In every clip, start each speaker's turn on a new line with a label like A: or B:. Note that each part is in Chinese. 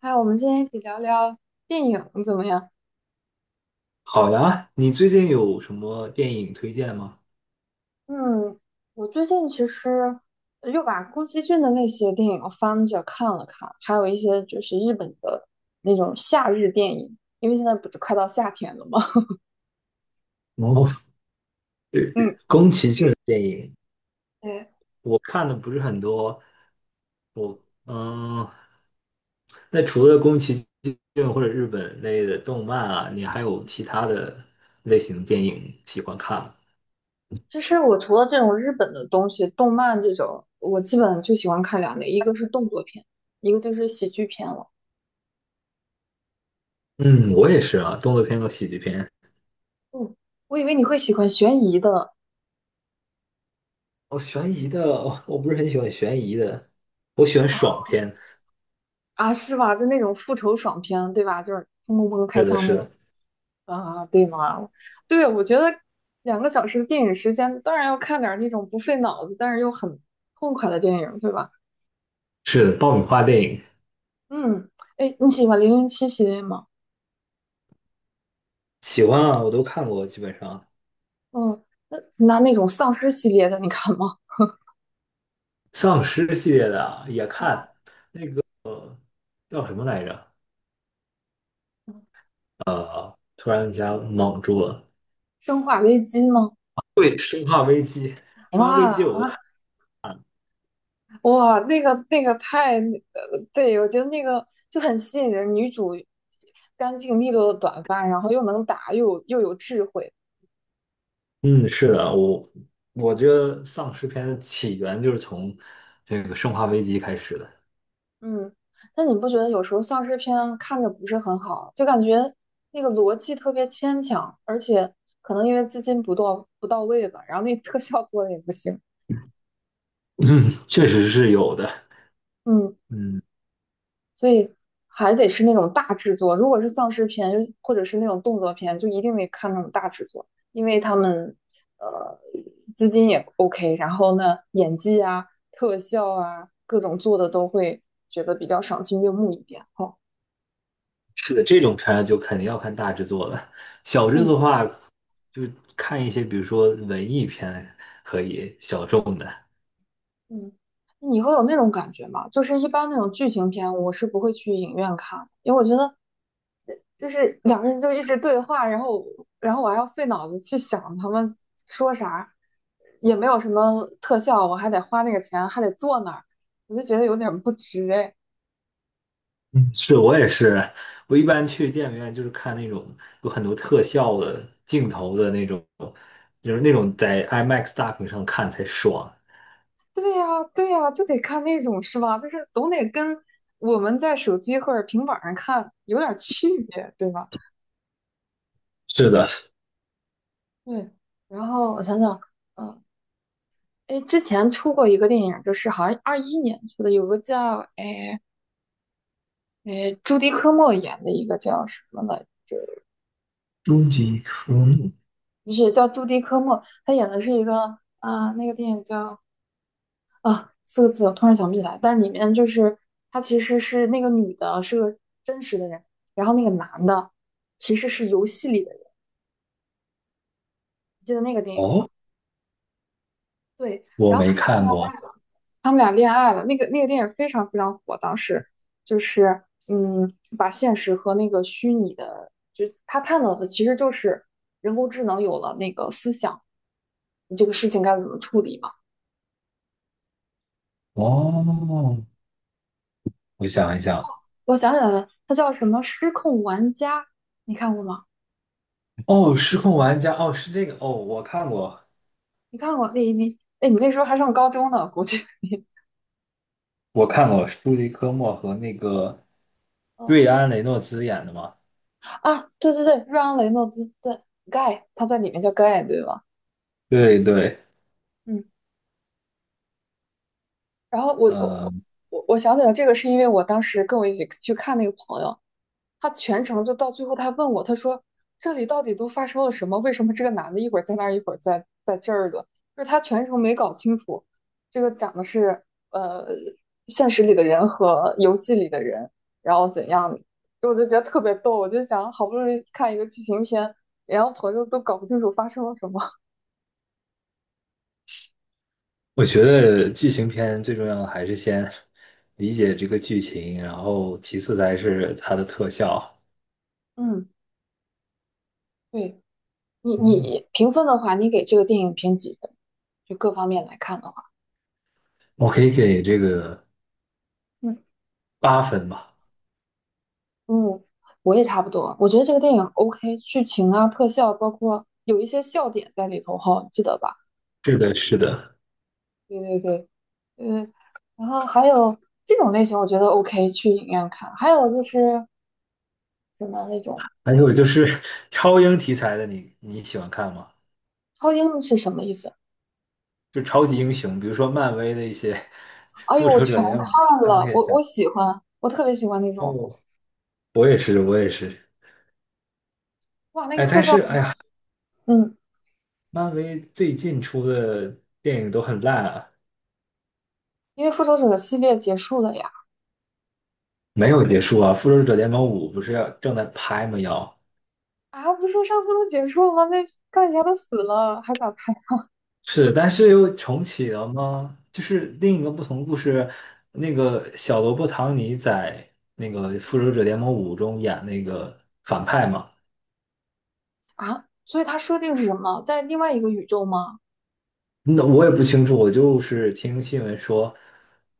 A: 嗨，我们今天一起聊聊电影怎么样？
B: 好呀，你最近有什么电影推荐吗？
A: 嗯，我最近其实又把宫崎骏的那些电影翻着看了看，还有一些就是日本的那种夏日电影，因为现在不是快到夏天了吗？
B: 哦，
A: 嗯，
B: 宫崎骏的电影
A: 对，
B: 我看的不是很多，我嗯，那除了宫崎骏或者日本类的动漫啊，你还有其他的类型的电影喜欢看吗？
A: 就是我除了这种日本的东西，动漫这种，我基本就喜欢看两类，一个是动作片，一个就是喜剧片了。
B: 嗯，我也是啊，动作片和喜剧片。
A: 嗯，我以为你会喜欢悬疑的。
B: 哦，悬疑的，我不是很喜欢悬疑的，我喜欢爽片。
A: 啊，是吧？就那种复仇爽片，对吧？就是砰砰砰开
B: 是的，
A: 枪
B: 是
A: 那。
B: 的，
A: 啊，对吗？对，我觉得2个小时的电影时间，当然要看点儿那种不费脑子，但是又很痛快的电影，对吧？
B: 是的，爆米花电影
A: 嗯，哎，你喜欢《007》系列吗？
B: 喜欢啊，我都看过，基本上
A: 嗯，那种丧尸系列的，你看吗？
B: 丧尸系列的啊也
A: 嗯，
B: 看。呃叫什么来着？突然一下懵住了。
A: 《生化危机》吗？
B: 对，《生化危机》，《生化危机》
A: 哇
B: 我都看。
A: 哇，那个太，对，我觉得那个就很吸引人。女主干净利落的短发，然后又能打，又有智慧。
B: 嗯，是的，我觉得丧尸片的起源就是从这个《生化危机》开始的
A: 嗯，但你不觉得有时候丧尸片看着不是很好，就感觉那个逻辑特别牵强，而且可能因为资金不到位吧，然后那特效做的也不行。
B: 嗯，确实是有的。
A: 嗯，
B: 嗯，
A: 所以还得是那种大制作。如果是丧尸片，就或者是那种动作片，就一定得看那种大制作，因为他们呃资金也 OK,然后呢演技啊、特效啊各种做的都会觉得比较赏心悦目一点。哦，
B: 是的，这种片儿就肯定要看大制作了。小制作
A: 嗯
B: 的话，就看一些，比如说文艺片可以，小众的。
A: 嗯，你会有那种感觉吗？就是一般那种剧情片，我是不会去影院看的，因为我觉得就是两个人就一直对话，然后我还要费脑子去想他们说啥，也没有什么特效，我还得花那个钱，还得坐那儿，我就觉得有点不值哎。
B: 嗯，是我也是，我一般去电影院就是看那种有很多特效的镜头的那种，就是那种在 IMAX 大屏上看才爽。
A: 对呀，对呀，就得看那种是吧？就是总得跟我们在手机或者平板儿上看有点区别，对吧？
B: 是的，
A: 对，然后我想想。嗯。哎，之前出过一个电影，就是好像21年出的，有个叫朱迪科莫演的一个叫什么来着，
B: 终极科目
A: 不是叫朱迪科莫，他演的是一个啊、那个电影叫四个字，我突然想不起来，但是里面就是他其实是那个女的是个真实的人，然后那个男的其实是游戏里的人，你记得那个电影吗？
B: 哦，
A: 对，
B: 我
A: 然后
B: 没
A: 他们俩。
B: 看过
A: 他们俩恋爱了。那个电影非常非常火，当时就是把现实和那个虚拟的，就他探讨的其实就是人工智能有了那个思想，你这个事情该怎么处理嘛？
B: 哦，我想一想，
A: 我想起来了，它叫什么《失控玩家》，你看过吗？
B: 哦，失控玩家，哦，是这个，哦，我看过，
A: 你看过？你那时候还上高中呢，估计
B: 我看过，是朱迪科莫和那个
A: 嗯
B: 瑞安雷诺兹演的嘛？
A: 啊，对对对，瑞安雷诺兹，对，Guy,他在里面叫 Guy,对吧？
B: 对对，
A: 嗯，然后我我我
B: 嗯。
A: 我我想起来这个是因为我当时跟我一起去看那个朋友，他全程就到最后，他问我，他说这里到底都发生了什么？为什么这个男的一会儿在那儿，一会儿在这儿的？就是他全程没搞清楚，这个讲的是呃现实里的人和游戏里的人，然后怎样？我就觉得特别逗，我就想好不容易看一个剧情片，然后朋友都搞不清楚发生了什么。
B: 我觉得剧情片最重要的还是先理解这个剧情，然后其次才是它的特效。
A: 嗯，对。你
B: 嗯，
A: 你评分的话，你给这个电影评几分？就各方面来看的话。
B: 我可以给这个
A: 嗯，
B: 8分吧。
A: 嗯，我也差不多。我觉得这个电影 OK,剧情啊、特效，包括有一些笑点在里头哈，记得吧？
B: 是的，是的。
A: 对对对，嗯，然后还有这种类型，我觉得 OK,去影院看。还有就是什么那种
B: 还有就是超英题材的你喜欢看吗？
A: 超英是什么意思？
B: 就超级英雄，比如说漫威的一些
A: 哎
B: 《复
A: 呦，我
B: 仇者
A: 全
B: 联盟》
A: 看
B: 钢
A: 了，
B: 铁
A: 我
B: 侠。
A: 我喜欢，我特别喜欢那种，
B: 哦，我也是，我也是。
A: 哇，那个
B: 哎，
A: 特
B: 但
A: 效。
B: 是哎呀，
A: 嗯，
B: 漫威最近出的电影都很烂啊，
A: 因为复仇者系列结束了呀。
B: 没有结束啊。《复仇者联盟五》不是要正在拍吗？要。
A: 啊，不是说上次都结束了吗？那钢铁侠都死了，还咋看
B: 是，但是又重启了吗？就是另一个不同的故事，那个小罗伯·唐尼在那个《复仇者联盟五》中演那个反派嘛。
A: 啊？所以它设定是什么？在另外一个宇宙吗？
B: 那我也不清楚，我就是听新闻说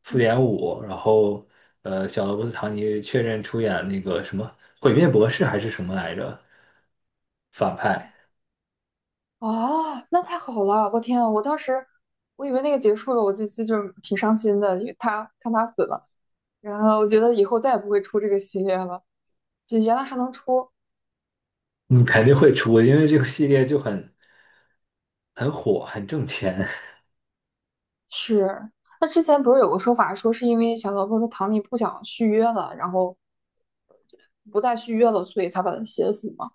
B: 复
A: 嗯
B: 联五，然后小罗伯特·唐尼确认出演那个什么毁灭博士还是什么来着反派，
A: 啊，那太好了！我天啊，我当时我以为那个结束了，我这次就是挺伤心的，因为他看他死了，然后我觉得以后再也不会出这个系列了。就原来还能出，
B: 嗯，肯定会出，因为这个系列就很火，很挣钱。
A: 是。那之前不是有个说法，说是因为小萝卜和唐尼不想续约了，然后不再续约了，所以才把他写死嘛。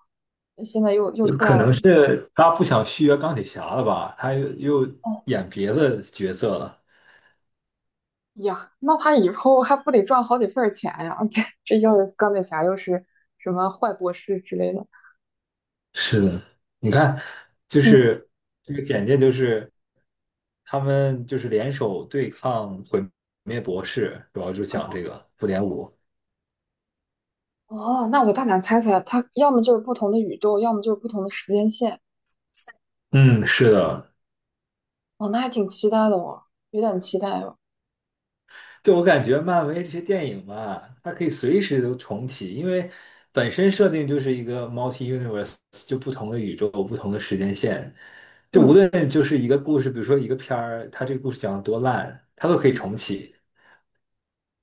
A: 现在又出
B: 可
A: 来了，
B: 能是他不想续约钢铁侠了吧？他又
A: 哦
B: 演别的角色了。
A: 哎呀，那他以后还不得赚好几份儿钱呀？这又是钢铁侠又是什么坏博士之类的，
B: 是的，你看，就
A: 嗯。
B: 是这个简介，就是他们就是联手对抗毁灭博士，主要就讲这个复联五。
A: 哦，那我大胆猜猜，它要么就是不同的宇宙，要么就是不同的时间线。
B: 嗯，是的，
A: 哦，那还挺期待的哦，有点期待哦。
B: 对，我感觉漫威这些电影嘛，它可以随时都重启，因为本身设定就是一个 multi universe，就不同的宇宙、不同的时间线。就无
A: 嗯，
B: 论就是一个故事，比如说一个片儿，它这个故事讲的多烂，它都可以重
A: 嗯
B: 启。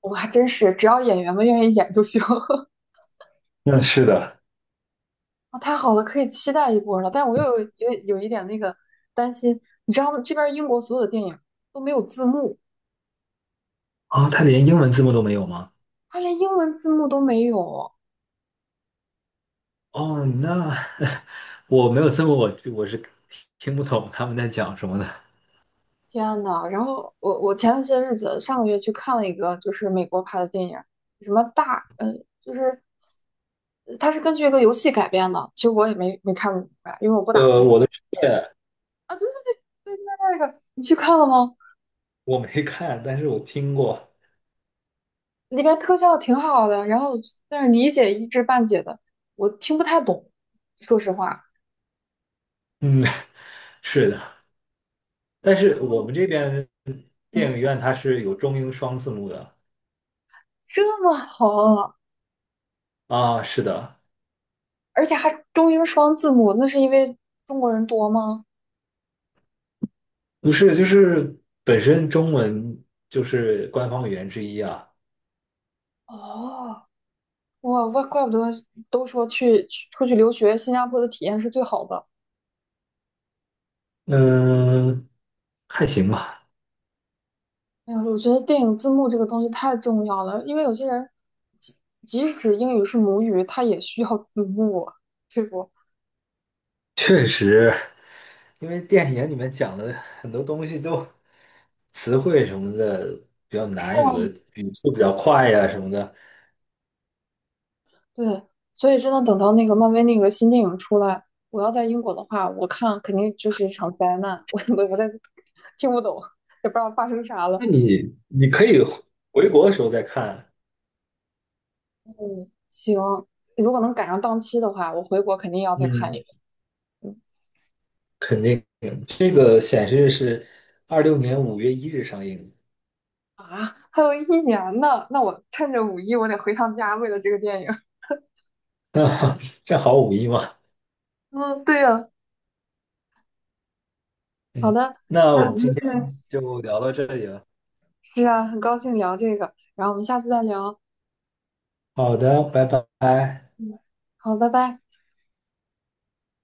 A: 我还真是，只要演员们愿意演就行。
B: 嗯，是的。
A: 啊，太好了，可以期待一波了。但我又有一点那个担心，你知道吗？这边英国所有的电影都没有字幕，
B: 啊，它连英文字幕都没有吗？
A: 它连英文字幕都没有。
B: 哦，那 我没有字幕，我是听不懂他们在讲什么的。
A: 天呐，然后我前些日子上个月去看了一个就是美国拍的电影，什么大就是它是根据一个游戏改编的，其实我也没看明白，因为我不打那个游
B: 我的世界
A: 啊。对对对对，就在那个你去看了吗？
B: 我没看，但是我听过。
A: 里边特效挺好的，然后但是理解一知半解的，我听不太懂，说实话。
B: 嗯，是的。但是我们这边电
A: 嗯，
B: 影院它是有中英双字幕的
A: 这么好，
B: 啊，是的，
A: 而且还中英双字幕，那是因为中国人多吗？
B: 不是，就是本身中文就是官方语言之一啊，
A: 哦。哇，怪不得都说去出去留学，新加坡的体验是最好的。
B: 嗯，还行吧，
A: 哎呀，我觉得电影字幕这个东西太重要了，因为有些人即即使英语是母语，他也需要字幕啊，对不？
B: 确实，因为电影里面讲的很多东西都词汇什么的比较难，有的语速比较快呀、什么的，
A: 对，所以真的等到那个漫威那个新电影出来，我要在英国的话，我看肯定就是一场灾难，我我在听不懂，也不知道发生啥了。
B: 那你可以回国的时候再看，
A: 嗯，行，如果能赶上档期的话，我回国肯定要再看一
B: 嗯，
A: 遍。嗯
B: 肯定，这个显示是2026年5月1日上映。
A: 啊，还有一年呢，那我趁着五一，我得回趟家，为了这个电影。
B: 那 正好五一嘛，
A: 嗯，对呀，好
B: 嗯，
A: 的，
B: 那
A: 那
B: 我
A: 很
B: 们
A: 高
B: 今天
A: 兴，
B: 就聊到这里了。
A: 是啊，很高兴聊这个，然后我们下次再聊。
B: 好的，拜拜。
A: 嗯，好，拜拜。